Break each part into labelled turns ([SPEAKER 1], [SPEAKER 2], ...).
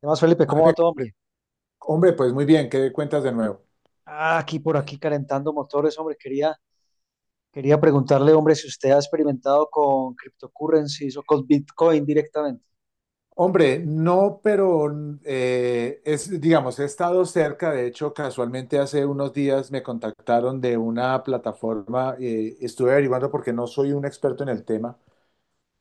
[SPEAKER 1] ¿Qué más, Felipe? ¿Cómo va
[SPEAKER 2] Eh,
[SPEAKER 1] todo, hombre?
[SPEAKER 2] Hombre, pues muy bien, ¿qué cuentas de nuevo?
[SPEAKER 1] Aquí por aquí calentando motores, hombre. Quería preguntarle, hombre, si usted ha experimentado con cryptocurrencies o con Bitcoin directamente.
[SPEAKER 2] Hombre, no, pero es, digamos, he estado cerca, de hecho, casualmente hace unos días me contactaron de una plataforma, estuve averiguando porque no soy un experto en el tema,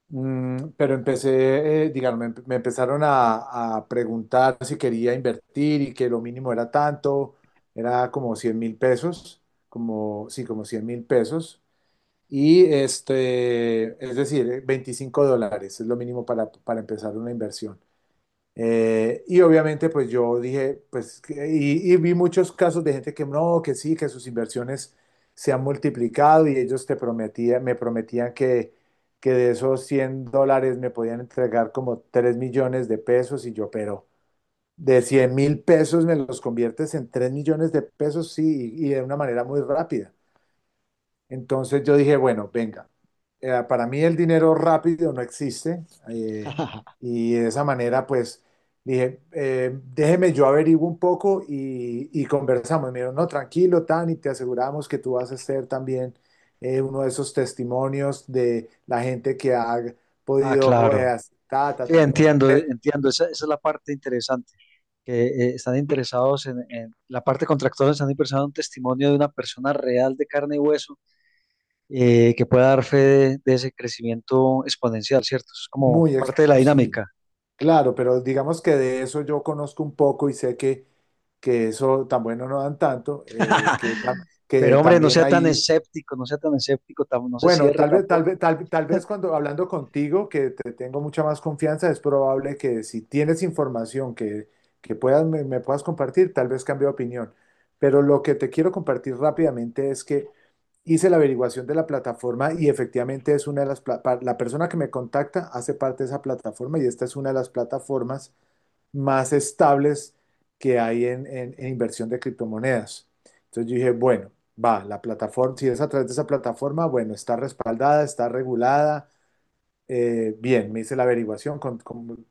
[SPEAKER 2] pero empecé, digamos, me empezaron a preguntar si quería invertir y que lo mínimo era tanto, era como 100.000 pesos, como, sí, como 100.000 pesos. Y este, es decir, $25 es lo mínimo para empezar una inversión. Y obviamente, pues yo dije, pues, y vi muchos casos de gente que no, que sí, que sus inversiones se han multiplicado y ellos te prometían, me prometían que de esos 100 dólares me podían entregar como 3.000.000 de pesos y yo, pero de 100.000 pesos me los conviertes en 3.000.000 de pesos, sí, y de una manera muy rápida. Entonces yo dije, bueno, venga, para mí el dinero rápido no existe, eh, y de esa manera pues dije, déjeme yo averiguo un poco y conversamos. Y me dijeron, no, tranquilo, Tan, y te aseguramos que tú vas a ser también, uno de esos testimonios de la gente que ha
[SPEAKER 1] Ah,
[SPEAKER 2] podido,
[SPEAKER 1] claro.
[SPEAKER 2] hacer ta, ta,
[SPEAKER 1] Sí,
[SPEAKER 2] ta. Y yo, bueno,
[SPEAKER 1] entiendo, entiendo. Esa es la parte interesante. Que están interesados en, la parte contractual, están interesados en un testimonio de una persona real de carne y hueso, que pueda dar fe de ese crecimiento exponencial, ¿cierto? Es como parte de la
[SPEAKER 2] sí,
[SPEAKER 1] dinámica.
[SPEAKER 2] claro, pero digamos que de eso yo conozco un poco y sé que eso tan bueno no dan tanto, que, que
[SPEAKER 1] Pero hombre, no
[SPEAKER 2] también
[SPEAKER 1] sea tan
[SPEAKER 2] ahí,
[SPEAKER 1] escéptico, no sea tan escéptico, no se
[SPEAKER 2] bueno,
[SPEAKER 1] cierre tampoco.
[SPEAKER 2] tal vez cuando hablando contigo, que te tengo mucha más confianza, es probable que si tienes información que puedas, me puedas compartir, tal vez cambie de opinión. Pero lo que te quiero compartir rápidamente es que hice la averiguación de la plataforma y efectivamente es una de las, la persona que me contacta hace parte de esa plataforma y esta es una de las plataformas más estables que hay en inversión de criptomonedas. Entonces yo dije, bueno, va, la plataforma, si es a través de esa plataforma, bueno, está respaldada, está regulada, bien, me hice la averiguación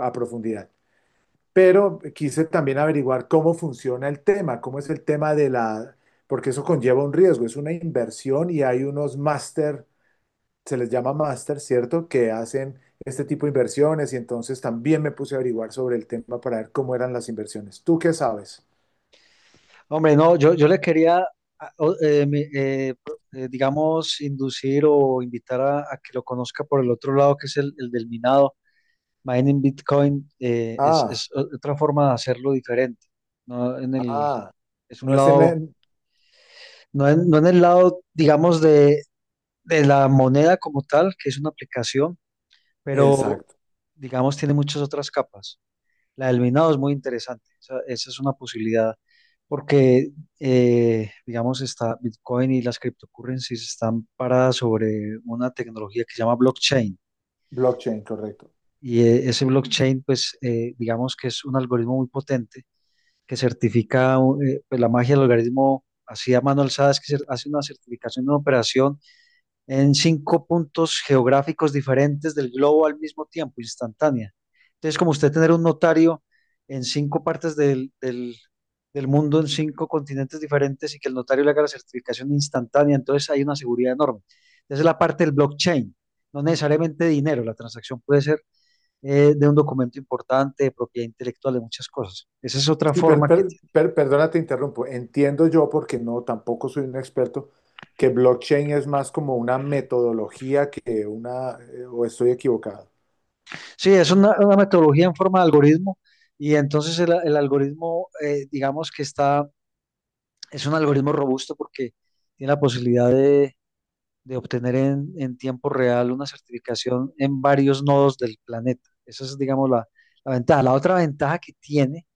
[SPEAKER 2] a profundidad. Pero quise también averiguar cómo funciona el tema, cómo es el tema de la, porque eso conlleva un riesgo, es una inversión y hay unos máster, se les llama máster, ¿cierto? Que hacen este tipo de inversiones y entonces también me puse a averiguar sobre el tema para ver cómo eran las inversiones. ¿Tú qué sabes?
[SPEAKER 1] Hombre, no, yo le quería, digamos, inducir o invitar a que lo conozca por el otro lado, que es el del minado. Mining Bitcoin, es,
[SPEAKER 2] Ah,
[SPEAKER 1] otra forma de hacerlo diferente. No en el,
[SPEAKER 2] ah,
[SPEAKER 1] es un
[SPEAKER 2] no es en
[SPEAKER 1] lado,
[SPEAKER 2] la...
[SPEAKER 1] no en, no en el lado, digamos, de la moneda como tal, que es una aplicación, pero,
[SPEAKER 2] Exacto,
[SPEAKER 1] digamos, tiene muchas otras capas. La del minado es muy interesante. Esa es una posibilidad porque, digamos, está Bitcoin y las cryptocurrencies están paradas sobre una tecnología que se llama blockchain.
[SPEAKER 2] blockchain, correcto.
[SPEAKER 1] Y ese blockchain, pues, digamos que es un algoritmo muy potente que certifica, pues, la magia del algoritmo así a mano alzada es que hace una certificación de una operación en cinco puntos geográficos diferentes del globo al mismo tiempo, instantánea. Entonces, como usted tener un notario en cinco partes del, del mundo, en cinco continentes diferentes, y que el notario le haga la certificación instantánea, entonces hay una seguridad enorme. Esa es la parte del blockchain, no necesariamente dinero, la transacción puede ser, de un documento importante, de propiedad intelectual, de muchas cosas. Esa es otra
[SPEAKER 2] Sí,
[SPEAKER 1] forma que tiene.
[SPEAKER 2] perdona, te interrumpo. Entiendo yo, porque no, tampoco soy un experto, que blockchain es más como una metodología que una, o estoy equivocado.
[SPEAKER 1] Sí, es una metodología en forma de algoritmo, y entonces el algoritmo, digamos que está. Es un algoritmo robusto porque tiene la posibilidad de obtener en tiempo real una certificación en varios nodos del planeta. Esa es, digamos, la ventaja. La otra ventaja que tiene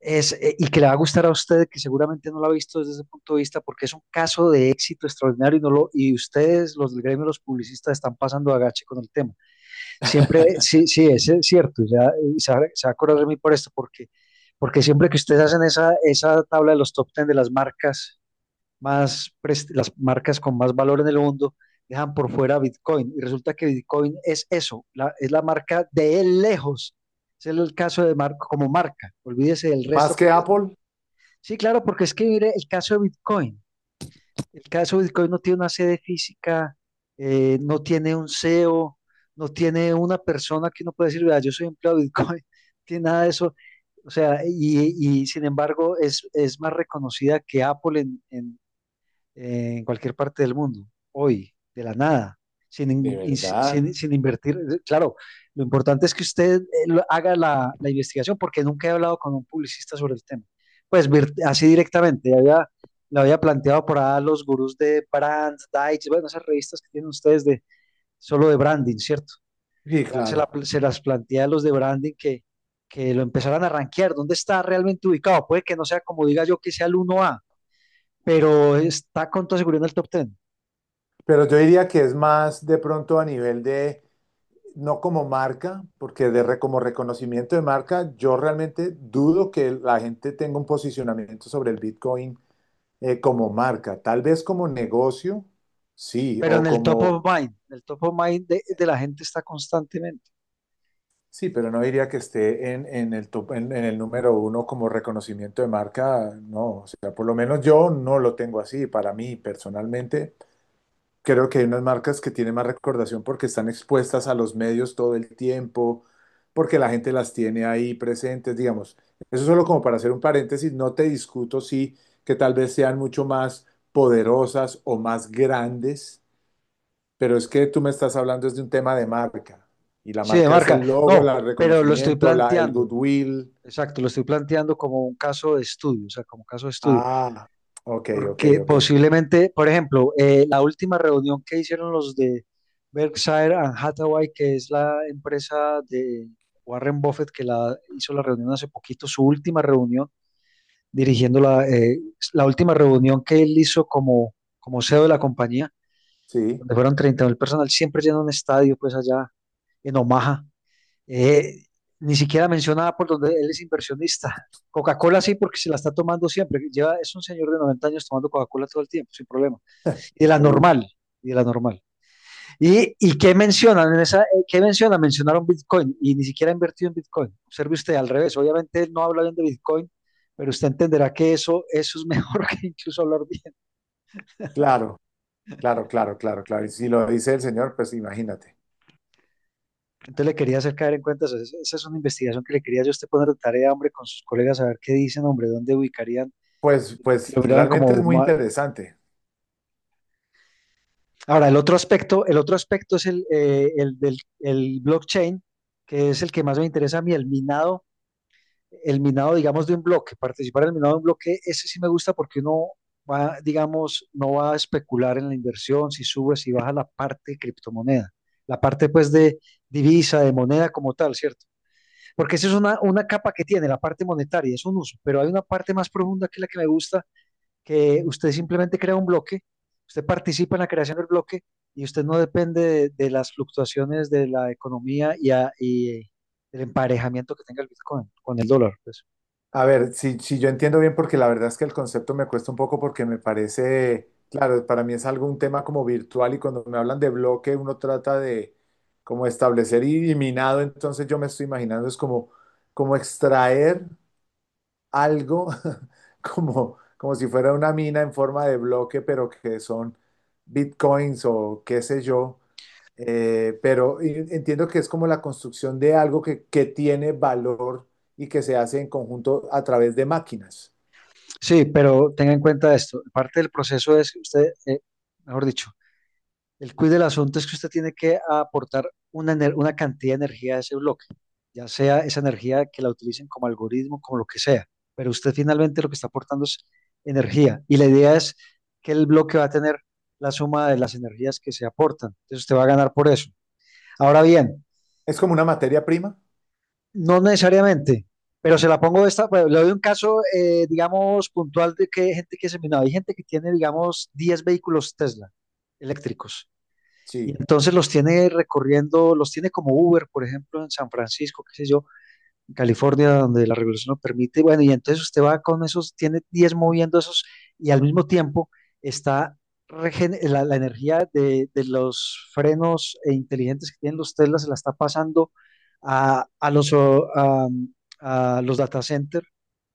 [SPEAKER 1] es, y que le va a gustar a usted, que seguramente no lo ha visto desde ese punto de vista, porque es un caso de éxito extraordinario y, no lo, y ustedes, los del gremio, los publicistas, están pasando agache con el tema. Siempre, sí, sí, es cierto, ya, y se va a acordar de mí por esto, porque, porque siempre que ustedes hacen esa tabla de los top 10 de las marcas más, las marcas con más valor en el mundo dejan por fuera Bitcoin. Y resulta que Bitcoin es eso, es la marca de él lejos. Es el caso de Marco como marca. Olvídese del
[SPEAKER 2] Más
[SPEAKER 1] resto,
[SPEAKER 2] que Apple.
[SPEAKER 1] sí, claro, porque es que mire el caso de Bitcoin. El caso de Bitcoin no tiene una sede física, no tiene un CEO, no tiene una persona que uno puede decir, vea, yo soy empleado de Bitcoin, no tiene nada de eso. O sea, y sin embargo es más reconocida que Apple en cualquier parte del mundo, hoy, de la nada, sin,
[SPEAKER 2] De
[SPEAKER 1] in- in-
[SPEAKER 2] verdad.
[SPEAKER 1] sin, sin invertir. Claro, lo importante es que usted haga la investigación, porque nunca he hablado con un publicista sobre el tema. Pues así directamente, había, lo había planteado por ahí a los gurús de Brands. Dice, bueno, esas revistas que tienen ustedes de solo de branding, ¿cierto?
[SPEAKER 2] Sí,
[SPEAKER 1] Por ahí
[SPEAKER 2] claro.
[SPEAKER 1] se las plantea a los de branding que lo empezaran a rankear. ¿Dónde está realmente ubicado? Puede que no sea como diga yo que sea el uno, a pero está con toda seguridad en el top 10.
[SPEAKER 2] Pero yo diría que es más de pronto a nivel de no como marca, porque como reconocimiento de marca, yo realmente dudo que la gente tenga un posicionamiento sobre el Bitcoin como marca. Tal vez como negocio, sí,
[SPEAKER 1] Pero en
[SPEAKER 2] o
[SPEAKER 1] el top
[SPEAKER 2] como,
[SPEAKER 1] of mind, en el top of mind de la gente está constantemente.
[SPEAKER 2] sí, pero no diría que esté en el en el número uno como reconocimiento de marca, no. O sea, por lo menos yo no lo tengo así para mí personalmente. Creo que hay unas marcas que tienen más recordación porque están expuestas a los medios todo el tiempo, porque la gente las tiene ahí presentes, digamos. Eso solo como para hacer un paréntesis, no te discuto sí que tal vez sean mucho más poderosas o más grandes, pero es que tú me estás hablando es de un tema de marca. Y la
[SPEAKER 1] Sí, de
[SPEAKER 2] marca es el
[SPEAKER 1] marca.
[SPEAKER 2] logo,
[SPEAKER 1] No,
[SPEAKER 2] el
[SPEAKER 1] pero lo estoy
[SPEAKER 2] reconocimiento, la, el
[SPEAKER 1] planteando.
[SPEAKER 2] goodwill.
[SPEAKER 1] Exacto, lo estoy planteando como un caso de estudio, o sea, como caso de estudio,
[SPEAKER 2] Ah, ok, ok,
[SPEAKER 1] porque
[SPEAKER 2] ok.
[SPEAKER 1] posiblemente, por ejemplo, la última reunión que hicieron los de Berkshire and Hathaway, que es la empresa de Warren Buffett, que la hizo la reunión hace poquito, su última reunión, dirigiendo la última reunión que él hizo como, como CEO de la compañía,
[SPEAKER 2] Sí,
[SPEAKER 1] donde fueron 30.000 personas. Él siempre llena un estadio, pues allá en Omaha. Eh, ni siquiera mencionaba por donde él es inversionista. Coca-Cola sí, porque se la está tomando siempre. Lleva, es un señor de 90 años tomando Coca-Cola todo el tiempo, sin problema. Y de la
[SPEAKER 2] increíble.
[SPEAKER 1] normal, y de la normal. Y qué mencionan en esa? ¿Qué menciona? Mencionaron Bitcoin y ni siquiera ha invertido en Bitcoin. Observe usted al revés. Obviamente él no habla bien de Bitcoin, pero usted entenderá que eso es mejor que incluso hablar bien.
[SPEAKER 2] Claro, claro, claro, claro, claro. Y si lo dice el señor, pues imagínate.
[SPEAKER 1] Entonces le quería hacer caer en cuenta eso. Esa es una investigación que le quería yo a usted poner de tarea, hombre, con sus colegas, a ver qué dicen, hombre, dónde ubicarían,
[SPEAKER 2] Pues,
[SPEAKER 1] si
[SPEAKER 2] pues
[SPEAKER 1] lograran
[SPEAKER 2] realmente es
[SPEAKER 1] como...
[SPEAKER 2] muy interesante.
[SPEAKER 1] ahora, el otro aspecto es el del el blockchain, que es el que más me interesa a mí, el minado, digamos, de un bloque, participar en el minado de un bloque. Ese sí me gusta, porque uno va, digamos, no va a especular en la inversión, si sube, si baja la parte de criptomoneda, la parte pues de divisa, de moneda como tal, ¿cierto? Porque esa es una capa que tiene la parte monetaria, es un uso, pero hay una parte más profunda que es la que me gusta, que usted simplemente crea un bloque, usted participa en la creación del bloque, y usted no depende de las fluctuaciones de la economía y, y el emparejamiento que tenga el Bitcoin con el dólar, pues.
[SPEAKER 2] A ver, si, si yo entiendo bien, porque la verdad es que el concepto me cuesta un poco porque me parece, claro, para mí es algo un tema como virtual y cuando me hablan de bloque uno trata de como establecer y minado, entonces yo me estoy imaginando es como, como extraer algo como, como si fuera una mina en forma de bloque, pero que son bitcoins o qué sé yo. Pero entiendo que es como la construcción de algo que tiene valor y que se hace en conjunto a través de máquinas.
[SPEAKER 1] Sí, pero tenga en cuenta esto, parte del proceso es que usted, mejor dicho, el quiz del asunto es que usted tiene que aportar una, una cantidad de energía a ese bloque, ya sea esa energía que la utilicen como algoritmo, como lo que sea, pero usted finalmente lo que está aportando es energía, y la idea es que el bloque va a tener la suma de las energías que se aportan, entonces usted va a ganar por eso. Ahora bien,
[SPEAKER 2] ¿Es como una materia prima?
[SPEAKER 1] no necesariamente, pero se la pongo esta, pues, le doy un caso, digamos, puntual, de que hay gente que se, no, hay gente que tiene, digamos, 10 vehículos Tesla eléctricos. Y
[SPEAKER 2] Sí.
[SPEAKER 1] entonces los tiene recorriendo, los tiene como Uber, por ejemplo, en San Francisco, qué sé yo, en California, donde la regulación lo permite. Bueno, y entonces usted va con esos, tiene 10 moviendo esos, y al mismo tiempo está la energía de los frenos inteligentes que tienen los Tesla, se la está pasando a, a los, o, a, a los data centers,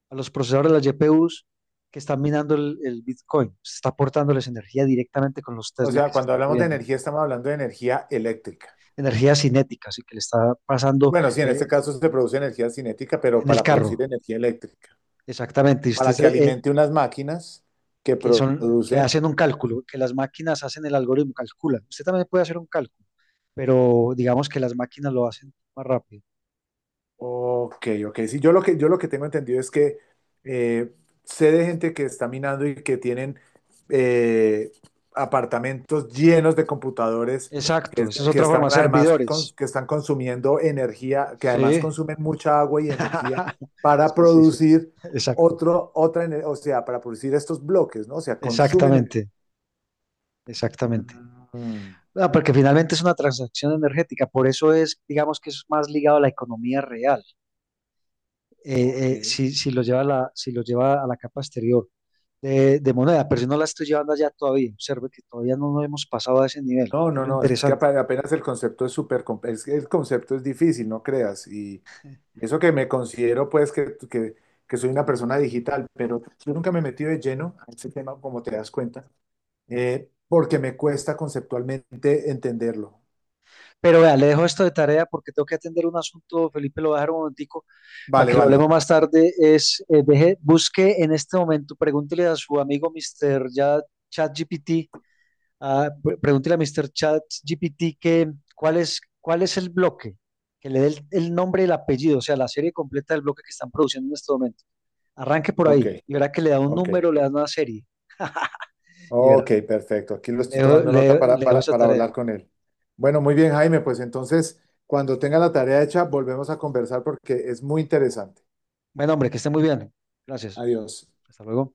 [SPEAKER 1] a los procesadores de las GPUs que están minando el Bitcoin. Se está aportándoles energía directamente con los
[SPEAKER 2] O
[SPEAKER 1] Tesla
[SPEAKER 2] sea,
[SPEAKER 1] que se
[SPEAKER 2] cuando
[SPEAKER 1] están
[SPEAKER 2] hablamos de
[SPEAKER 1] moviendo,
[SPEAKER 2] energía, estamos hablando de energía eléctrica.
[SPEAKER 1] energía cinética, así que le está pasando,
[SPEAKER 2] Bueno, sí, en
[SPEAKER 1] eh,
[SPEAKER 2] este caso se produce energía cinética, pero
[SPEAKER 1] en el
[SPEAKER 2] para producir
[SPEAKER 1] carro,
[SPEAKER 2] energía eléctrica,
[SPEAKER 1] exactamente. Y
[SPEAKER 2] para
[SPEAKER 1] usted,
[SPEAKER 2] que alimente unas máquinas que
[SPEAKER 1] que son, que
[SPEAKER 2] producen.
[SPEAKER 1] hacen un cálculo, que las máquinas hacen el algoritmo, calculan. Usted también puede hacer un cálculo, pero digamos que las máquinas lo hacen más rápido.
[SPEAKER 2] Ok, ok. Sí, yo lo que tengo entendido es que, eh, sé de gente que está minando y que tienen, eh, apartamentos llenos de computadores que,
[SPEAKER 1] Exacto, esa es
[SPEAKER 2] que
[SPEAKER 1] otra forma,
[SPEAKER 2] están además
[SPEAKER 1] servidores.
[SPEAKER 2] que están consumiendo energía, que además
[SPEAKER 1] Sí,
[SPEAKER 2] consumen mucha agua y energía para
[SPEAKER 1] sí, sí, sí,
[SPEAKER 2] producir
[SPEAKER 1] exacto,
[SPEAKER 2] otro, otra, o sea, para producir estos bloques, ¿no? O sea, consumen energía.
[SPEAKER 1] exactamente, exactamente.
[SPEAKER 2] Mm,
[SPEAKER 1] Ah, porque finalmente es una transacción energética, por eso es, digamos que es más ligado a la economía real.
[SPEAKER 2] ok.
[SPEAKER 1] Si lo lleva si lo lleva a la capa exterior de moneda, pero yo no la estoy llevando allá todavía. Observe que todavía no nos hemos pasado a ese nivel,
[SPEAKER 2] No,
[SPEAKER 1] que es
[SPEAKER 2] no,
[SPEAKER 1] lo
[SPEAKER 2] no, es que
[SPEAKER 1] interesante.
[SPEAKER 2] apenas el concepto es súper, es que el concepto es difícil, no creas. Y eso que me considero, pues, que soy una persona digital, pero yo nunca me he metido de lleno a ese tema, como te das cuenta, porque me cuesta conceptualmente entenderlo.
[SPEAKER 1] Pero vea, le dejo esto de tarea porque tengo que atender un asunto, Felipe, lo voy a dejar un momentico para
[SPEAKER 2] Vale,
[SPEAKER 1] que lo hablemos
[SPEAKER 2] vale.
[SPEAKER 1] más tarde. Es, busque en este momento, pregúntele a su amigo Mr. Ya, ChatGPT. Pregúntele a Mr. ChatGPT que cuál es el bloque, que le dé el nombre y el apellido, o sea, la serie completa del bloque que están produciendo en este momento. Arranque por
[SPEAKER 2] Ok,
[SPEAKER 1] ahí y verá que le da un
[SPEAKER 2] ok.
[SPEAKER 1] número, le da una serie y verá.
[SPEAKER 2] Ok, perfecto. Aquí lo
[SPEAKER 1] Le
[SPEAKER 2] estoy
[SPEAKER 1] dejo,
[SPEAKER 2] tomando nota
[SPEAKER 1] le dejo esa
[SPEAKER 2] para
[SPEAKER 1] tarea.
[SPEAKER 2] hablar con él. Bueno, muy bien, Jaime, pues entonces, cuando tenga la tarea hecha, volvemos a conversar porque es muy interesante.
[SPEAKER 1] Bueno, hombre, que esté muy bien. Gracias.
[SPEAKER 2] Adiós.
[SPEAKER 1] Hasta luego.